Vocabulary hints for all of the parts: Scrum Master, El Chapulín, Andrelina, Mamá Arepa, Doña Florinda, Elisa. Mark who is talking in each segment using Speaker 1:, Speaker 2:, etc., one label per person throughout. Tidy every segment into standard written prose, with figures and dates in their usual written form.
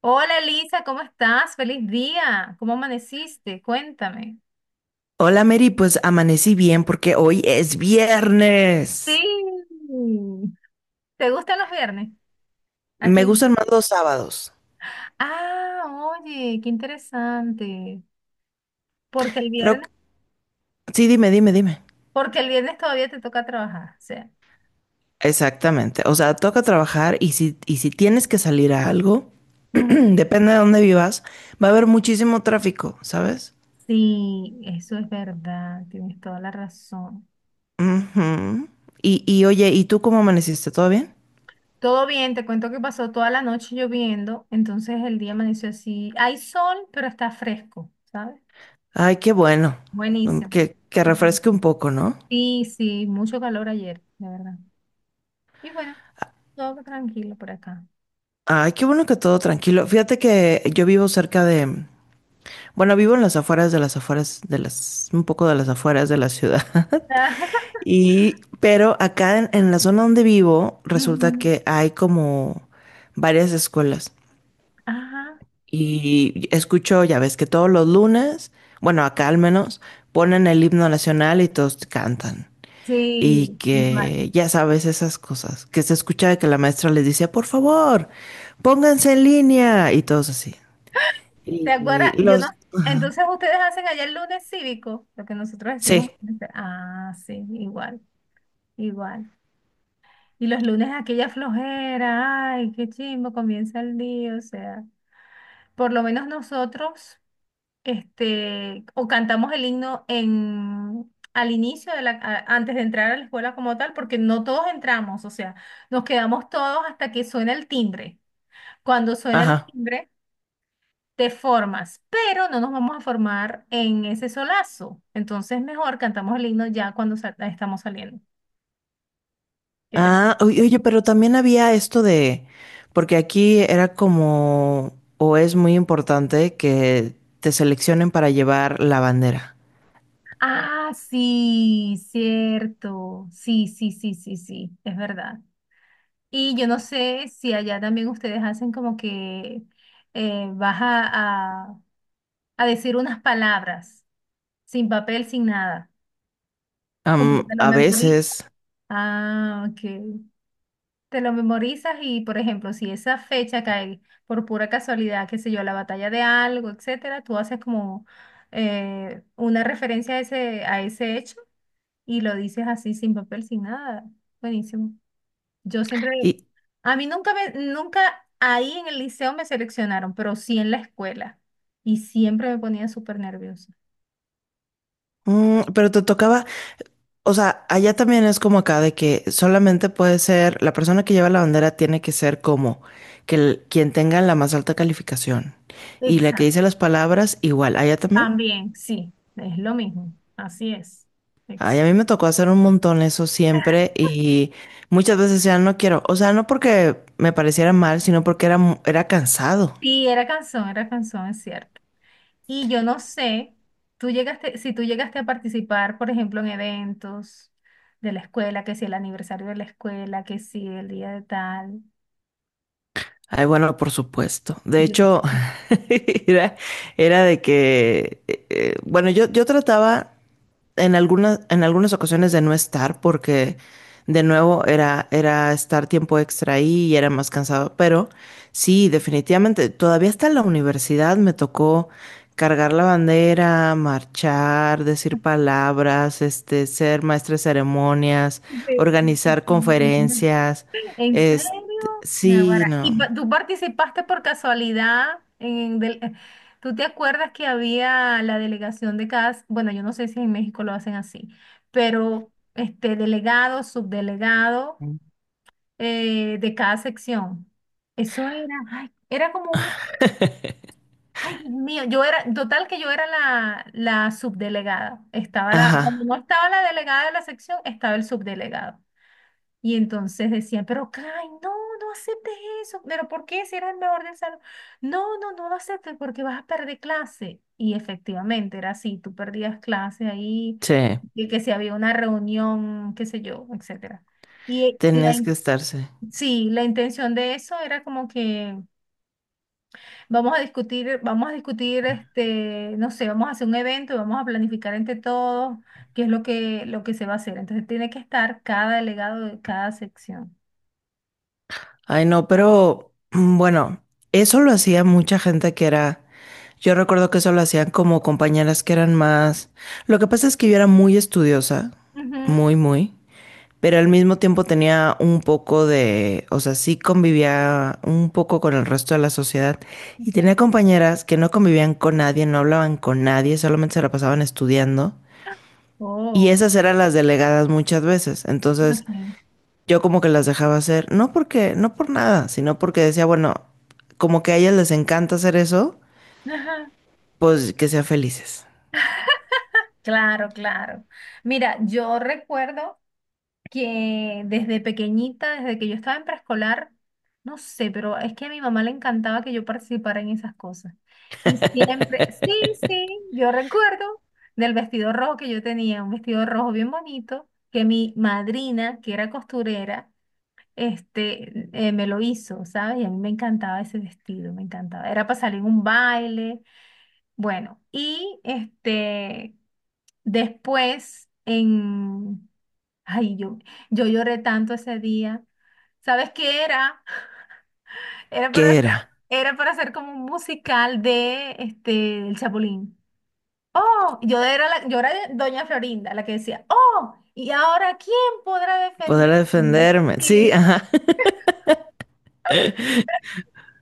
Speaker 1: Hola Elisa, ¿cómo estás? Feliz día. ¿Cómo amaneciste? Cuéntame.
Speaker 2: Hola Mary, pues amanecí bien porque hoy es
Speaker 1: Sí.
Speaker 2: viernes.
Speaker 1: ¿Te gustan los viernes? ¿A
Speaker 2: Me
Speaker 1: quién?
Speaker 2: gustan más los sábados.
Speaker 1: Ah, oye, qué interesante. Porque el
Speaker 2: Creo que.
Speaker 1: viernes,
Speaker 2: Sí, dime, dime, dime.
Speaker 1: porque el viernes todavía te toca trabajar. O sea,
Speaker 2: Exactamente. O sea, toca trabajar y si tienes que salir a algo,
Speaker 1: ujú.
Speaker 2: depende de dónde vivas, va a haber muchísimo tráfico, ¿sabes?
Speaker 1: Sí, eso es verdad. Tienes toda la razón.
Speaker 2: Ujú. Y oye, ¿y tú cómo amaneciste? ¿Todo bien?
Speaker 1: Todo bien, te cuento que pasó toda la noche lloviendo, entonces el día amaneció así. Hay sol, pero está fresco, ¿sabes?
Speaker 2: Ay, qué bueno. Mm,
Speaker 1: Buenísimo.
Speaker 2: Que, que refresque un poco, ¿no?
Speaker 1: Sí, sí, mucho calor ayer, de verdad. Y bueno, todo tranquilo por acá.
Speaker 2: Ay, qué bueno que todo tranquilo. Fíjate que yo vivo cerca de. Bueno, vivo en las afueras de las afueras de las, un poco de las afueras de la ciudad. Y, pero acá en la zona donde vivo, resulta
Speaker 1: Ujú,
Speaker 2: que hay como varias escuelas.
Speaker 1: ajá,
Speaker 2: Y escucho, ya ves que todos los lunes, bueno, acá al menos, ponen el himno nacional y todos cantan. Y
Speaker 1: sí, igual.
Speaker 2: que ya sabes esas cosas, que se escucha de que la maestra les dice, por favor, pónganse en línea y todos así.
Speaker 1: ¿Te acuerdas?
Speaker 2: Y
Speaker 1: Yo no.
Speaker 2: los,
Speaker 1: Entonces ustedes hacen allá el lunes cívico, lo que nosotros decimos.
Speaker 2: sí,
Speaker 1: Ah, sí, igual, igual. Y los lunes aquella flojera, ay, qué chimbo, comienza el día, o sea, por lo menos nosotros. O cantamos el himno en, al inicio de la, antes de entrar a la escuela como tal, porque no todos entramos, o sea, nos quedamos todos hasta que suena el timbre. Cuando suena el
Speaker 2: ajá.
Speaker 1: timbre, te formas, pero no nos vamos a formar en ese solazo. Entonces, mejor cantamos el himno ya cuando estamos saliendo. ¿Qué te-
Speaker 2: Ah, oye, oye, pero también había esto de, porque aquí era como, o es muy importante que te seleccionen para llevar la bandera.
Speaker 1: Ah, sí, cierto. Sí, sí, sí, sí, sí, es verdad. Y yo no sé si allá también ustedes hacen como que vas a, a decir unas palabras, sin papel, sin nada, como que te
Speaker 2: Am,
Speaker 1: lo
Speaker 2: a
Speaker 1: memorizas.
Speaker 2: veces.
Speaker 1: Ah, ok. Te lo memorizas y, por ejemplo, si esa fecha cae por pura casualidad, qué sé yo, la batalla de algo, etcétera, tú haces como una referencia a ese hecho y lo dices así, sin papel, sin nada. Buenísimo. Yo siempre
Speaker 2: Y,
Speaker 1: a mí nunca ahí en el liceo me seleccionaron, pero sí en la escuela. Y siempre me ponía súper nerviosa.
Speaker 2: pero te tocaba, o sea, allá también es como acá de que solamente puede ser, la persona que lleva la bandera tiene que ser como que quien tenga la más alta calificación. Y la que
Speaker 1: Exacto.
Speaker 2: dice las palabras, igual, allá también.
Speaker 1: También, sí, es lo mismo. Así es.
Speaker 2: Ay,
Speaker 1: Ex-
Speaker 2: a mí me tocó hacer un montón eso siempre y muchas veces ya no quiero, o sea, no porque me pareciera mal, sino porque era, mu- era cansado.
Speaker 1: Sí, era canción, es cierto. Y yo no sé, tú llegaste, si tú llegaste a participar, por ejemplo, en eventos de la escuela, que si el aniversario de la escuela, que si el día de tal.
Speaker 2: Ay, bueno, por supuesto. De
Speaker 1: Yo no
Speaker 2: hecho,
Speaker 1: sé.
Speaker 2: era, era de que, bueno, yo trataba en algunas ocasiones de no estar, porque de nuevo era estar tiempo extra ahí y era más cansado. Pero sí, definitivamente, todavía hasta en la universidad me tocó cargar la bandera, marchar, decir palabras, este, ser maestra de ceremonias, organizar conferencias.
Speaker 1: ¿En serio?
Speaker 2: Este, sí,
Speaker 1: Naguará.
Speaker 2: no.
Speaker 1: ¿Y tú participaste por casualidad en ¿tú te acuerdas que había la delegación de cada, bueno, yo no sé si en México lo hacen así, pero este delegado, subdelegado de cada sección? Eso era, ay, era como un, ay, Dios mío, yo era, total que yo era la, la subdelegada. Estaba la, cuando
Speaker 2: Ajá,
Speaker 1: no estaba la delegada de la sección, estaba el subdelegado. Y entonces decían, pero Kai, no, no aceptes eso. ¿Pero por qué si eres el mejor del salón? No, no, no lo aceptes porque vas a perder clase. Y efectivamente era así, tú perdías clase ahí,
Speaker 2: sí,
Speaker 1: y que si había una reunión, qué sé yo, etcétera. Y la,
Speaker 2: tenías que estarse.
Speaker 1: sí, la intención de eso era como que vamos a discutir, no sé, vamos a hacer un evento, y vamos a planificar entre todos qué es lo que se va a hacer. Entonces tiene que estar cada delegado de cada sección.
Speaker 2: Ay, no, pero bueno, eso lo hacía mucha gente que era, yo recuerdo que eso lo hacían como compañeras que eran más, lo que pasa es que yo era muy estudiosa,
Speaker 1: Ujú.
Speaker 2: muy, muy, pero al mismo tiempo tenía un poco de, o sea, sí convivía un poco con el resto de la sociedad y
Speaker 1: Ok.
Speaker 2: tenía compañeras que no convivían con nadie, no hablaban con
Speaker 1: Oh, ok.
Speaker 2: yo como que las dejaba hacer, no porque, no por nada, sino porque decía, bueno, como que a ellas les encanta hacer eso,
Speaker 1: Ajá.
Speaker 2: pues que sean felices.
Speaker 1: Claro, claro. Mira, yo recuerdo que desde pequeñita, desde que yo estaba en preescolar, no sé, pero es que a mi mamá le encantaba que yo participara en esas cosas. Y siempre, sí, sí, yo recuerdo del vestido rojo que yo tenía, un vestido rojo bien bonito, que mi madrina, que era costurera, me lo hizo, ¿sabes? Y a mí me encantaba ese vestido, me encantaba. Era para salir a un baile. Bueno, y después en, ay, yo lloré tanto ese día. ¿Sabes qué era? Era para,
Speaker 2: ¿Qué era?
Speaker 1: era para hacer como un musical de El Chapulín. Oh, yo era la, yo era Doña Florinda, la que decía, oh, ¿y ahora quién podrá
Speaker 2: Poder
Speaker 1: defenderme?
Speaker 2: defenderme. Sí,
Speaker 1: Y
Speaker 2: ajá.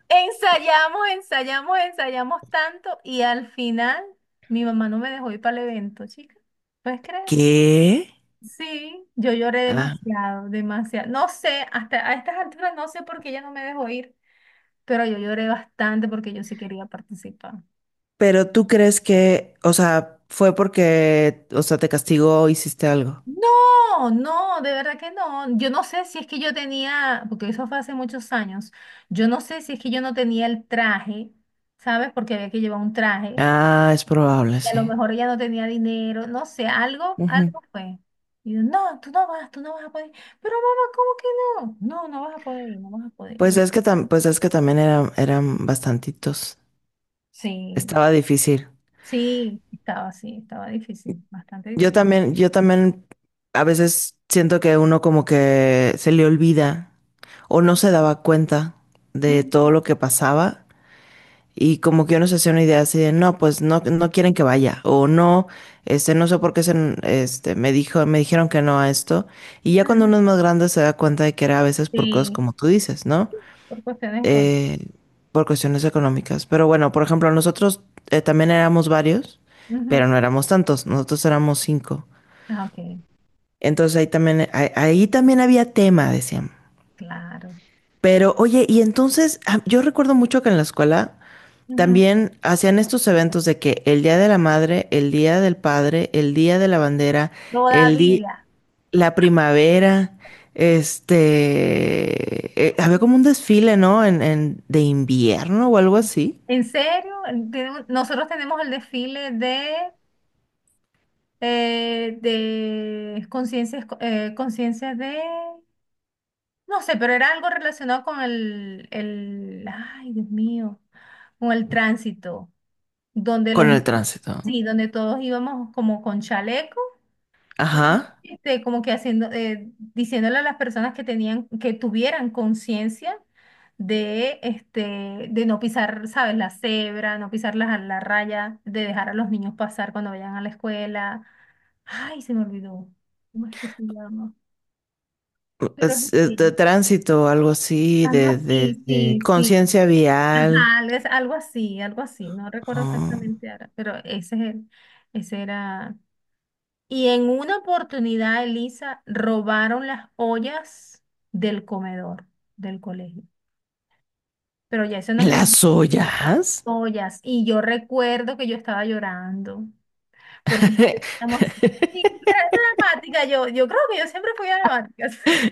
Speaker 1: ensayamos, ensayamos, ensayamos tanto y al final mi mamá no me dejó ir para el evento, chica. ¿Puedes creer?
Speaker 2: ¿Qué?
Speaker 1: Sí, yo lloré
Speaker 2: Ah.
Speaker 1: demasiado, demasiado. No sé, hasta a estas alturas no sé por qué ella no me dejó ir, pero yo lloré bastante porque yo sí quería participar.
Speaker 2: Pero tú crees que, o sea, fue porque, o sea, te castigó o hiciste algo.
Speaker 1: No, no, de verdad que no. Yo no sé si es que yo tenía, porque eso fue hace muchos años, yo no sé si es que yo no tenía el traje, ¿sabes? Porque había que llevar un traje
Speaker 2: Ah, es probable,
Speaker 1: y a
Speaker 2: sí.
Speaker 1: lo mejor ella no tenía dinero, no sé, algo,
Speaker 2: Ujú.
Speaker 1: algo fue. Y yo, no, tú no vas a poder. Pero mamá, ¿cómo que no? No, no vas a poder ir, no vas a poder
Speaker 2: Pues
Speaker 1: ir.
Speaker 2: es que tam- pues es que también eran, eran bastantitos.
Speaker 1: Sí.
Speaker 2: Estaba difícil.
Speaker 1: Sí, estaba difícil, bastante
Speaker 2: Yo
Speaker 1: difícil.
Speaker 2: también, yo también a veces siento que uno como que se le olvida o no se daba cuenta de todo
Speaker 1: Ujú.
Speaker 2: lo que pasaba y como que uno se hacía una idea así de no, pues no quieren que vaya o no, este, no sé por qué se, este, me dijo, me dijeron que no a esto y ya cuando
Speaker 1: Ajá,
Speaker 2: uno es más grande se da cuenta de que era a veces por cosas
Speaker 1: sí,
Speaker 2: como tú dices, ¿no?
Speaker 1: por cuestiones con.
Speaker 2: Eh, por cuestiones económicas. Pero bueno, por ejemplo, nosotros también éramos varios, pero
Speaker 1: Ujú.
Speaker 2: no éramos tantos, nosotros éramos cinco.
Speaker 1: Ah, ok,
Speaker 2: Entonces ahí también, ahí también había tema, decían.
Speaker 1: claro. Sí.
Speaker 2: Pero oye, y entonces yo recuerdo mucho que en la escuela
Speaker 1: Ujú.
Speaker 2: también hacían estos eventos de que el Día de la Madre, el Día del Padre, el Día de la Bandera, el día,
Speaker 1: Todavía.
Speaker 2: la primavera, este, había como un desfile, ¿no? De invierno o algo así,
Speaker 1: ¿En serio? Tenemos- nosotros tenemos el desfile de conciencias, conciencias de, no sé, pero era algo relacionado con el, ay, Dios mío, con el tránsito, donde los,
Speaker 2: con el tránsito, ¿no?
Speaker 1: sí, donde todos íbamos como con chaleco. Y
Speaker 2: Ajá.
Speaker 1: como que haciendo, diciéndole a las personas que tenían, que tuvieran conciencia de, de no pisar, ¿sabes? La cebra, no pisar la, la raya, de dejar a los niños pasar cuando vayan a la escuela. Ay, se me olvidó. ¿Cómo es que se llama? Pero es
Speaker 2: Es de
Speaker 1: así.
Speaker 2: tránsito, algo así,
Speaker 1: Algo
Speaker 2: de, de,
Speaker 1: así,
Speaker 2: de
Speaker 1: sí, sí.
Speaker 2: conciencia vial.
Speaker 1: Ajá, es algo así, algo así. No recuerdo
Speaker 2: Ah.
Speaker 1: exactamente ahora, pero ese es ese era. Y en una oportunidad, Elisa, robaron las ollas del comedor del colegio. Pero ya eso no es mis
Speaker 2: ¿Las ollas?
Speaker 1: ollas. Y yo recuerdo que yo estaba llorando porque estamos sí, dramática. Yo creo que yo siempre fui dramática.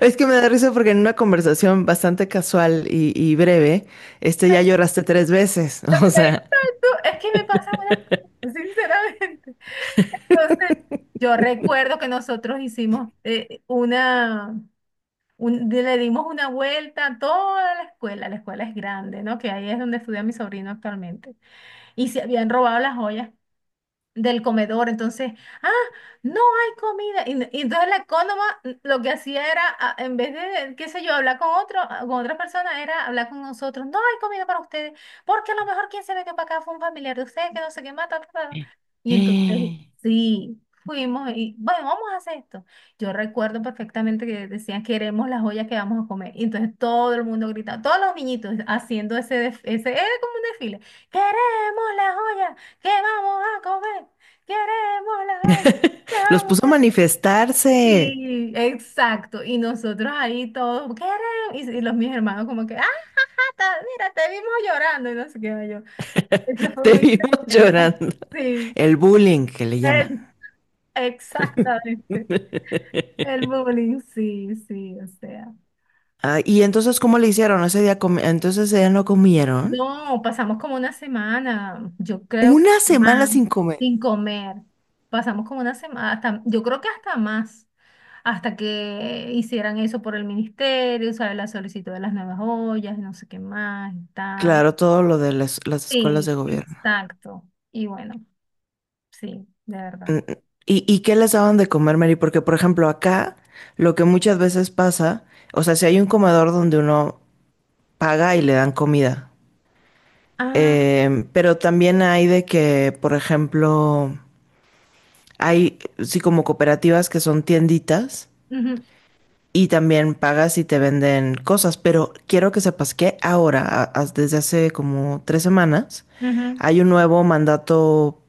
Speaker 2: Es que me da risa porque en una conversación bastante casual y breve, este ya lloraste tres veces. O sea,
Speaker 1: Exacto, es que me pasan unas cosas, sinceramente. Entonces, yo recuerdo que nosotros hicimos le dimos una vuelta a toda la escuela es grande, ¿no? Que ahí es donde estudia mi sobrino actualmente. Y se habían robado las joyas del comedor. Entonces, ah, no hay comida. Y entonces la ecónoma lo que hacía era, ah, en vez de, qué sé yo, hablar con otro, ah, con otra persona, era hablar con nosotros. No hay comida para ustedes, porque a lo mejor quien se metió para acá fue un familiar de ustedes que no sé qué mata. Ta, ta, ta". Y entonces, sí. Fuimos y, bueno, vamos a hacer esto. Yo recuerdo perfectamente que decían, queremos las ollas que vamos a comer. Y entonces todo el mundo gritaba, todos los niñitos haciendo ese, ese, era como un desfile, queremos las ollas. ¿Qué vamos a comer? Queremos la vaina, ¿qué
Speaker 2: los
Speaker 1: vamos
Speaker 2: puso a
Speaker 1: a-".
Speaker 2: manifestarse.
Speaker 1: Sí, exacto. Y nosotros ahí todos, queremos. Y los mis hermanos como que, ah, ta- mira, te vimos llorando y no sé qué yo. Eso fue
Speaker 2: Te
Speaker 1: muy...
Speaker 2: vimos llorando.
Speaker 1: Sí,
Speaker 2: El bullying que le llaman.
Speaker 1: es- exactamente. El bullying, sí, sí, o sea.
Speaker 2: Ah, y entonces, ¿cómo le hicieron? Ese día entonces ella no comieron.
Speaker 1: No, pasamos como una semana, yo creo que
Speaker 2: Una semana
Speaker 1: más,
Speaker 2: sin comer.
Speaker 1: sin comer. Pasamos como una semana, hasta, yo creo que hasta más, hasta que hicieran eso por el ministerio, ¿sabes? La solicitud de las nuevas ollas, no sé qué más y tal.
Speaker 2: Claro, todo lo de las escuelas
Speaker 1: Sí,
Speaker 2: de gobierno.
Speaker 1: exacto. Y bueno, sí, de
Speaker 2: Mm,
Speaker 1: verdad.
Speaker 2: mm. ¿Y qué les daban de comer, Mary? Porque, por ejemplo, acá lo que muchas veces pasa, o sea, si hay un comedor donde uno paga y le dan comida,
Speaker 1: Ah,
Speaker 2: pero también hay de que, por ejemplo, hay, sí, como cooperativas que son tienditas
Speaker 1: ujú,
Speaker 2: y también pagas y te venden cosas, pero quiero que sepas que ahora, desde hace como 3 semanas,
Speaker 1: ujú,
Speaker 2: hay un nuevo mandato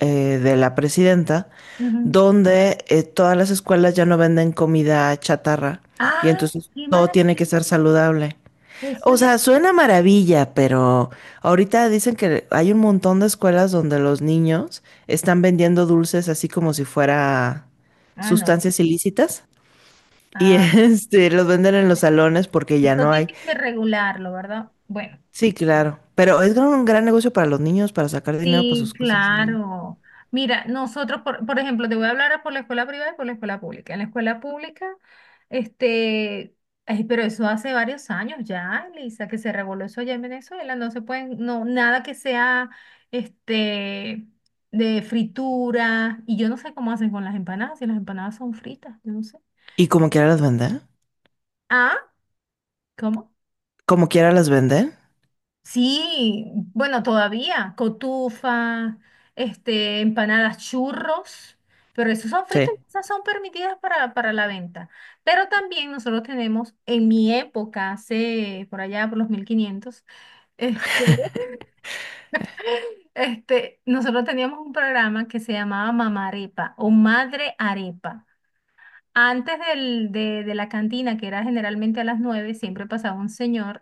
Speaker 2: de la presidenta
Speaker 1: ujú.
Speaker 2: donde todas las escuelas ya no venden comida chatarra y
Speaker 1: Ah,
Speaker 2: entonces
Speaker 1: qué
Speaker 2: todo tiene que
Speaker 1: maravilla.
Speaker 2: ser saludable.
Speaker 1: Eso
Speaker 2: O
Speaker 1: ya.
Speaker 2: sea, suena maravilla, pero ahorita dicen que hay un montón de escuelas donde los niños están vendiendo dulces así como si fuera
Speaker 1: Ah, no.
Speaker 2: sustancias ilícitas. Y
Speaker 1: Ah,
Speaker 2: este, los venden en los
Speaker 1: bueno,
Speaker 2: salones porque ya
Speaker 1: esto
Speaker 2: no
Speaker 1: tiene
Speaker 2: hay.
Speaker 1: que regularlo, ¿verdad? Bueno.
Speaker 2: Sí, claro. Pero un gran negocio para los niños, para sacar dinero para
Speaker 1: Sí,
Speaker 2: sus cosas, digo yo.
Speaker 1: claro. Mira, nosotros, por ejemplo, te voy a hablar por la escuela privada y por la escuela pública. En la escuela pública, este, ay, pero eso hace varios años ya, Lisa, que se reguló eso allá en Venezuela. No se pueden, no, nada que sea, este, de fritura. Y yo no sé cómo hacen con las empanadas, si las empanadas son fritas, yo no sé.
Speaker 2: Y como quiera las venden.
Speaker 1: Ah, ¿cómo?
Speaker 2: Como quiera las venden.
Speaker 1: Sí, bueno, todavía, cotufa, empanadas churros, pero esos son fritos
Speaker 2: Sí.
Speaker 1: y esas son permitidas para la venta. Pero también nosotros tenemos, en mi época, hace por allá por los 1500, este, nosotros teníamos un programa que se llamaba Mamá Arepa o Madre Arepa. Antes de la cantina, que era generalmente a las 9 siempre pasaba un señor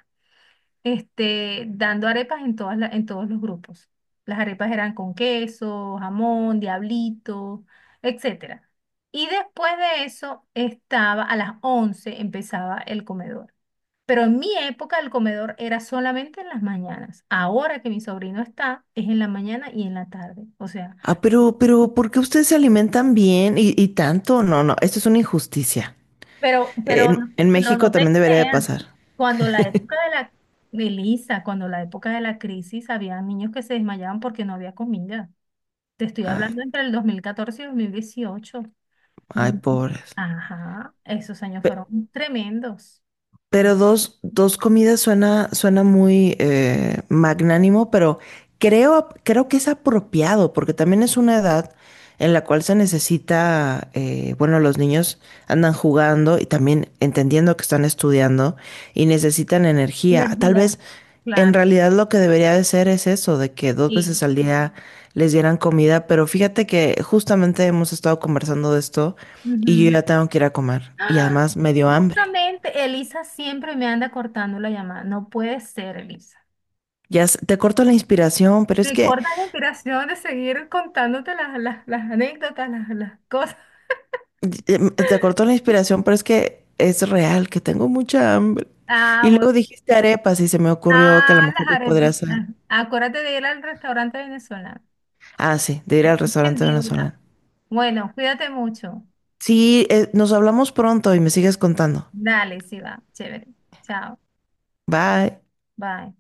Speaker 1: dando arepas en todas en todos los grupos. Las arepas eran con queso, jamón, diablito, etcétera. Y después de eso estaba a las 11 empezaba el comedor. Pero en mi época el comedor era solamente en las mañanas. Ahora que mi sobrino está, es en la mañana y en la tarde. O sea,
Speaker 2: Ah, pero, ¿por qué ustedes se alimentan bien y tanto? No, no, esto es una injusticia.
Speaker 1: pero, pero,
Speaker 2: En
Speaker 1: pero
Speaker 2: México
Speaker 1: no te
Speaker 2: también debería de
Speaker 1: creas.
Speaker 2: pasar.
Speaker 1: Cuando la época de la, de Lisa, cuando la época de la crisis, había niños que se desmayaban porque no había comida. Te estoy
Speaker 2: Ay,
Speaker 1: hablando entre el 2014 y 2018. Dos-
Speaker 2: ay,
Speaker 1: mil-
Speaker 2: pobres.
Speaker 1: Ajá, esos años
Speaker 2: Pe-
Speaker 1: fueron tremendos.
Speaker 2: Pero dos comidas suena, suena muy magnánimo, pero creo, que es apropiado, porque también es una edad en la cual se necesita, bueno, los niños andan jugando y también entendiendo que están estudiando y necesitan energía. Tal vez
Speaker 1: Energía,
Speaker 2: en
Speaker 1: claro.
Speaker 2: realidad lo que debería de ser es eso, de que dos
Speaker 1: Sí.
Speaker 2: veces al día les dieran comida, pero fíjate que justamente hemos estado conversando de esto y yo
Speaker 1: Ujú.
Speaker 2: ya tengo que ir a comer y
Speaker 1: ¡Ah!
Speaker 2: además me dio hambre.
Speaker 1: Justamente Elisa siempre me anda cortando la llamada. No puede ser, Elisa.
Speaker 2: Ya sé, te corto la inspiración, pero es
Speaker 1: Me
Speaker 2: que
Speaker 1: corta la inspiración de seguir contándote las anécdotas, las cosas.
Speaker 2: te cortó la inspiración, pero es que es real, que tengo mucha hambre.
Speaker 1: Ah,
Speaker 2: Y
Speaker 1: bueno.
Speaker 2: luego dijiste arepas y se me ocurrió que a lo
Speaker 1: Ah,
Speaker 2: mejor
Speaker 1: las
Speaker 2: yo podría hacer.
Speaker 1: arepitas. Acuérdate de ir al restaurante venezolano.
Speaker 2: Ah, sí, de ir al
Speaker 1: En
Speaker 2: restaurante
Speaker 1: deuda.
Speaker 2: venezolano.
Speaker 1: Bueno, cuídate mucho.
Speaker 2: Sí, nos hablamos pronto y me sigues contando.
Speaker 1: Dale, sí va. Chévere. Chao.
Speaker 2: Bye.
Speaker 1: Bye.